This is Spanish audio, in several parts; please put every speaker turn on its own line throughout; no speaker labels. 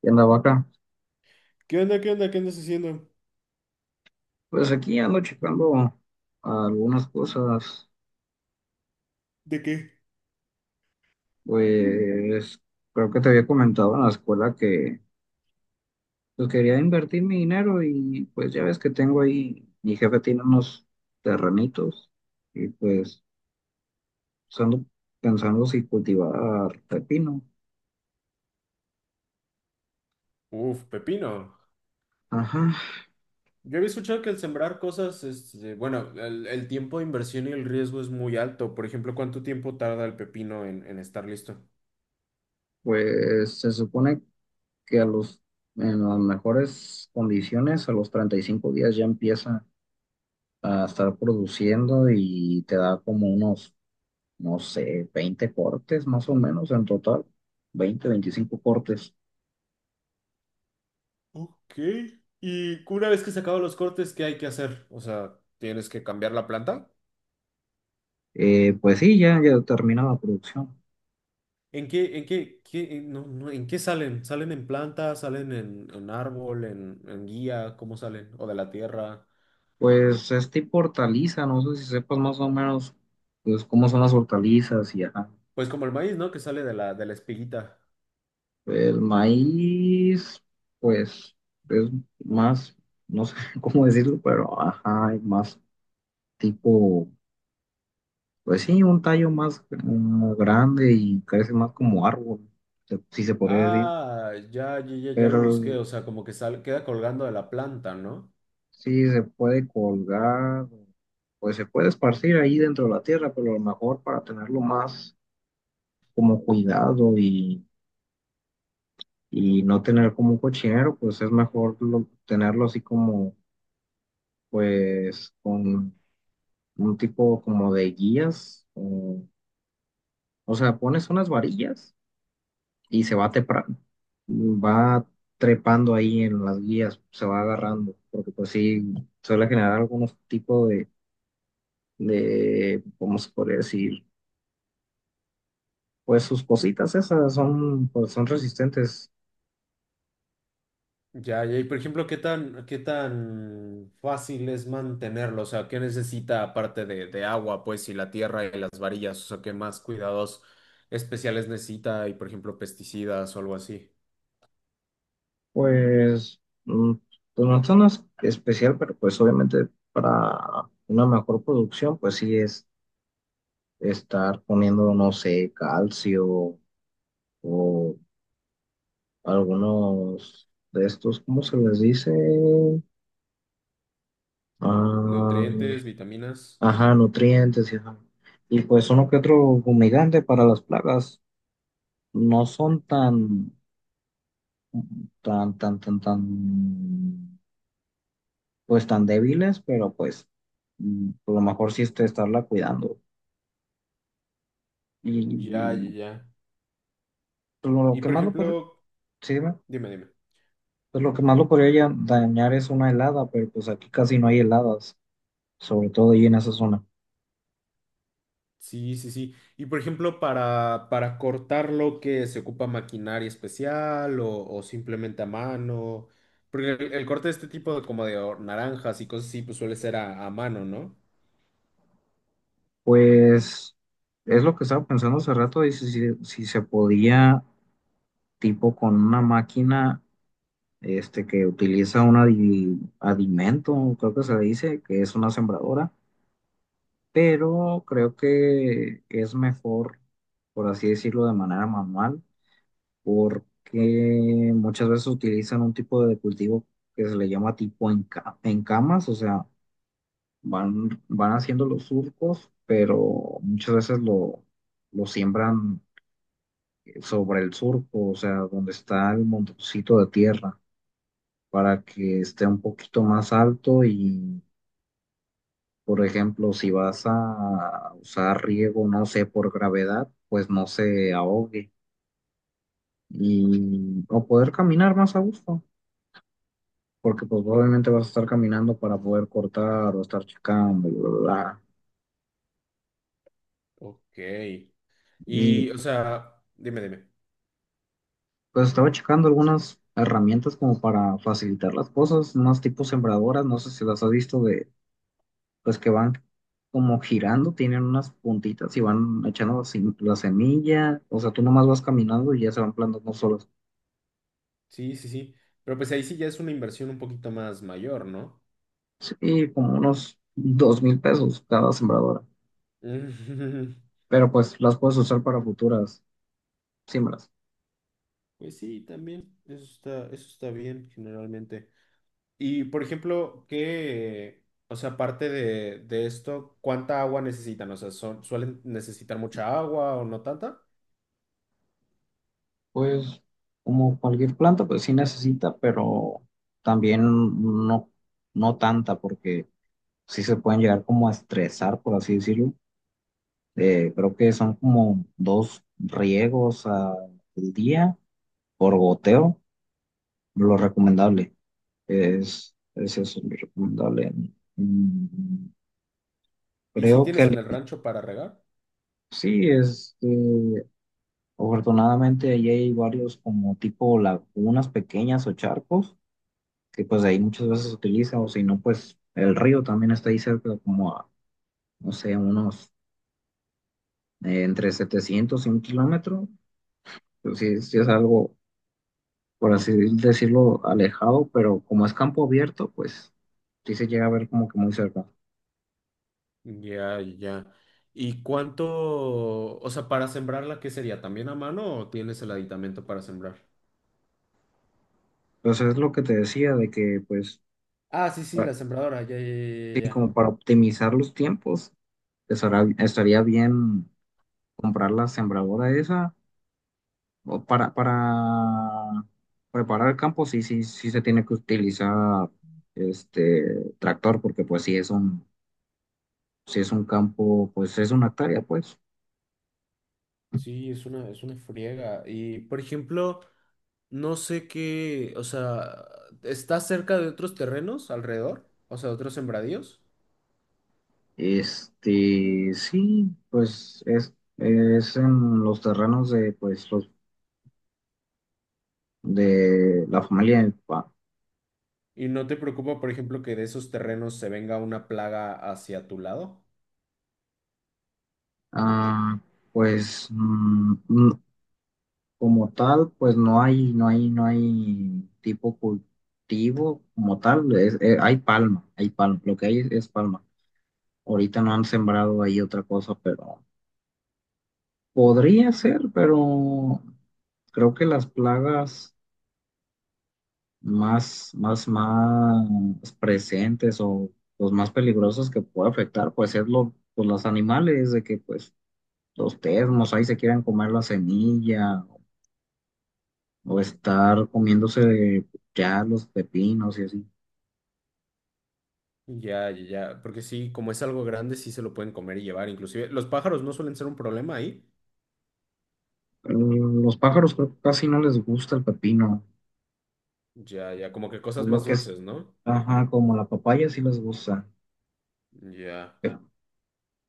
¿Qué andaba acá?
¿Qué onda? ¿Qué onda? ¿Qué andas haciendo?
Pues aquí ando checando algunas cosas.
¿De qué? Mm.
Pues creo que te había comentado en la escuela que pues, quería invertir mi dinero y pues ya ves que tengo ahí, mi jefe tiene unos terrenitos y pues, ando pensando si cultivar pepino.
Uf, pepino.
Ajá,
Yo había escuchado que el sembrar cosas, bueno, el tiempo de inversión y el riesgo es muy alto. Por ejemplo, ¿cuánto tiempo tarda el pepino en estar listo?
pues se supone que a los, en las mejores condiciones, a los 35 días ya empieza a estar produciendo y te da como unos no sé, 20 cortes más o menos en total, 20, 25 cortes.
Ok. Y una vez que se acaban los cortes, ¿qué hay que hacer? O sea, ¿tienes que cambiar la planta?
Pues sí, ya termina la producción.
En qué, qué, en- no, no, ¿en qué salen? ¿Salen en planta? ¿Salen en árbol? ¿ en guía? ¿Cómo salen? ¿O de la tierra?
Pues es tipo hortaliza, no sé si sepas más o menos pues, cómo son las hortalizas y ajá.
Pues como el maíz, ¿no? Que sale de de la espiguita.
El maíz, pues es más, no sé cómo decirlo, pero ajá, es más tipo, pues sí, un tallo más grande y crece más como árbol, si se podría decir.
Ah, ya lo
Pero
busqué, o sea, como que sale, queda colgando de la planta, ¿no?
sí, se puede colgar, pues se puede esparcir ahí dentro de la tierra, pero a lo mejor para tenerlo más como cuidado y no tener como un cochinero, pues es mejor tenerlo así como, pues, con un tipo como de guías. O sea, pones unas varillas y se va va trepando ahí en las guías, se va agarrando, porque pues sí, suele generar algún tipo de, ¿cómo se podría decir? Pues sus cositas esas son, pues son resistentes.
Ya, ya, y por ejemplo, ¿ qué tan fácil es mantenerlo? O sea, ¿qué necesita aparte de agua, pues, y la tierra y las varillas? O sea, ¿qué más cuidados especiales necesita? Y por ejemplo, pesticidas o algo así.
Pues, mm, pues no son especial, pero pues obviamente para una mejor producción, pues sí es estar poniendo, no sé, calcio o algunos de estos, ¿cómo se les dice? Ah,
Nutrientes, vitaminas.
ajá, nutrientes y ajá. Y pues uno que otro humigante para las plagas. No son tan, pues tan débiles, pero pues a lo mejor sí este estarla cuidando. Y,
Ya, ya,
y,
ya.
pues, lo
Y
que
por
más lo podría.
ejemplo,
Sí, dime.
dime, dime.
Pues lo que más lo podría dañar es una helada, pero pues aquí casi no hay heladas, sobre todo ahí en esa zona.
Sí, sí, sí. Y por ejemplo, para cortarlo, ¿que se ocupa maquinaria especial o simplemente a mano? Porque el corte de este tipo de como de o- naranjas y cosas así, pues suele ser a mano, ¿no?
Pues es lo que estaba pensando hace rato, y si se podía, tipo con una máquina, que utiliza un adimento, creo que se le dice, que es una sembradora, pero creo que es mejor, por así decirlo, de manera manual, porque muchas veces utilizan un tipo de cultivo que se le llama tipo en camas, o sea, van haciendo los surcos, pero muchas veces lo siembran sobre el surco, o sea, donde está el montoncito de tierra, para que esté un poquito más alto. Por ejemplo, si vas a usar riego, no sé, por gravedad, pues no se ahogue y o poder caminar más a gusto, porque pues obviamente vas a estar caminando para poder cortar o estar checando, bla, bla, bla.
Ok. Y,
Y
o sea, dime, dime.
pues estaba checando algunas herramientas como para facilitar las cosas, unas tipo sembradoras, no sé si las has visto de, pues que van como girando, tienen unas puntitas y van echando la la semilla, o sea, tú nomás vas caminando y ya se van plantando solas.
Sí, sí, sí. Pero pues ahí sí ya es una inversión un poquito más mayor, ¿no?
Sí, como unos 2,000 pesos cada sembradora, pero pues las puedes usar para futuras siembras.
Pues sí, también. Eso está bien, generalmente. Y por ejemplo, ¿qué, o sea, aparte de esto, cuánta agua necesitan? O sea, son- ¿suelen necesitar mucha agua o no tanta?
Pues como cualquier planta, pues sí necesita, pero también no, no tanta, porque sí se pueden llegar como a estresar, por así decirlo. Creo que son como dos riegos al día por goteo, lo recomendable. Es eso, lo recomendable. Mm,
¿Y si
Creo que.
tienes en el rancho para regar?
Sí. Afortunadamente allí hay varios como tipo lagunas pequeñas o charcos que pues ahí muchas veces se utiliza, o si no pues el río también está ahí cerca, como a no sé unos entre 700 y 1 kilómetro. Pues sí, sí es algo por así decirlo alejado, pero como es campo abierto pues sí se llega a ver como que muy cerca.
Ya, ya. ¿Y cuánto, o sea, para sembrarla, qué sería? ¿También a mano o tienes el aditamento para sembrar?
Entonces es lo que te decía de que pues
Ah, sí, sí,
pa-
la sembradora, ya, ya, ya, ya,
sí,
ya.
como para optimizar los tiempos estaría bien comprar la sembradora esa. O para preparar el campo, sí, sí, sí se tiene que utilizar este tractor, porque pues sí es un campo, pues es una hectárea, pues.
Sí, es una friega. Y, por ejemplo, no sé qué, o sea, ¿está cerca de otros terrenos alrededor? O sea, de otros sembradíos.
Sí, pues es en los terrenos de, pues, los, de la familia de mi papá.
¿Y no te preocupa, por ejemplo, que de esos terrenos se venga una plaga hacia tu lado?
Ah, pues como tal, pues no hay, no hay, no hay tipo cultivo como tal, hay palma, lo que hay es palma. Ahorita no han sembrado ahí otra cosa, pero podría ser, pero creo que las plagas más, más, más presentes o los más peligrosos que puede afectar, pues es lo, pues los animales, de que pues los termos ahí se quieran comer la semilla o estar comiéndose ya los pepinos y así.
Ya, ya, ya, porque sí, como es algo grande, sí se lo pueden comer y llevar. Inclusive, los pájaros no suelen ser un problema ahí.
Los pájaros creo que casi no les gusta el pepino,
Ya, ya, como que cosas
lo
más
que es,
dulces, ¿no?
ajá, como la papaya sí les gusta.
Ya.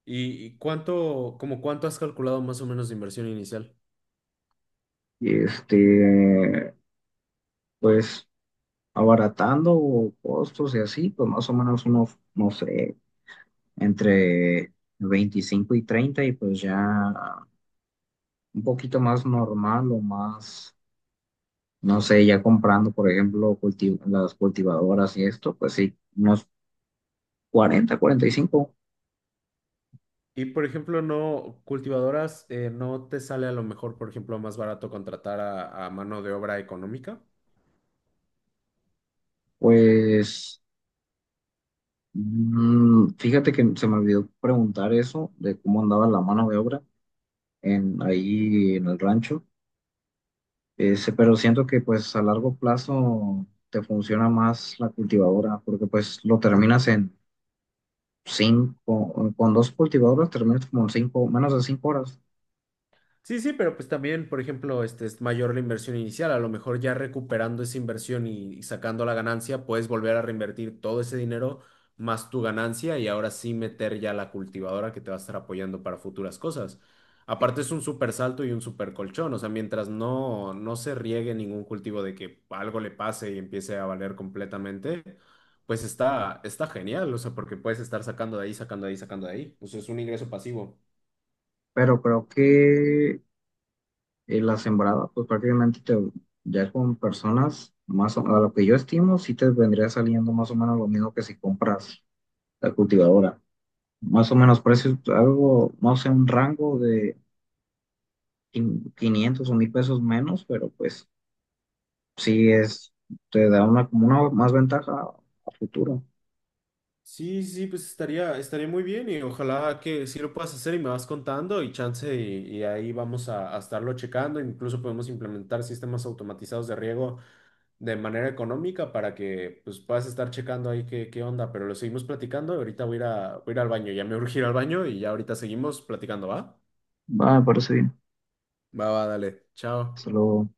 Y cuánto, como cuánto has calculado más o menos de inversión inicial?
Y pues abaratando costos y así, pues más o menos unos, no sé, entre 25 y 30, y pues ya un poquito más normal o más, no sé, ya comprando, por ejemplo, las cultivadoras y esto, pues sí, unos 40, 45.
Y, por ejemplo, no, cultivadoras, ¿no te sale a lo mejor, por ejemplo, más barato contratar a mano de obra económica?
Pues fíjate que se me olvidó preguntar eso de cómo andaba la mano de obra ahí en el rancho. Ese, pero siento que pues a largo plazo te funciona más la cultivadora, porque pues lo terminas en cinco, con dos cultivadoras terminas como en cinco, menos de 5 horas.
Sí, sí, pero pues también, por ejemplo, este es mayor la inversión inicial. A lo mejor ya recuperando esa inversión y sacando la ganancia, puedes volver a reinvertir todo ese dinero más tu ganancia y ahora sí meter ya la cultivadora que te va a estar apoyando para futuras cosas. Aparte es un súper salto y un súper colchón. O sea, mientras no, no se riegue ningún cultivo de que algo le pase y empiece a valer completamente, pues está, está genial. O sea, porque puedes estar sacando de ahí, sacando de ahí, sacando de ahí. O sea, es un ingreso pasivo.
Pero creo que la sembrada, pues prácticamente te, ya con personas, a lo que yo estimo, sí te vendría saliendo más o menos lo mismo que si compras la cultivadora. Más o menos precios, algo, no sé, un rango de 500 o 1,000 pesos menos, pero pues sí te da una como una más ventaja a futuro.
Sí, sí, pues estaría, estaría muy bien y ojalá que sí lo puedas hacer y me vas contando y chance y ahí vamos a estarlo checando. Incluso podemos implementar sistemas automatizados de riego de manera económica para que pues puedas estar checando ahí qué, qué onda, pero lo seguimos platicando. Ahorita voy a ir voy a ir al baño, ya me urgí ir al baño y ya ahorita seguimos platicando, ¿va?
Va, me parece bien.
Va, va, dale. Chao.
Solo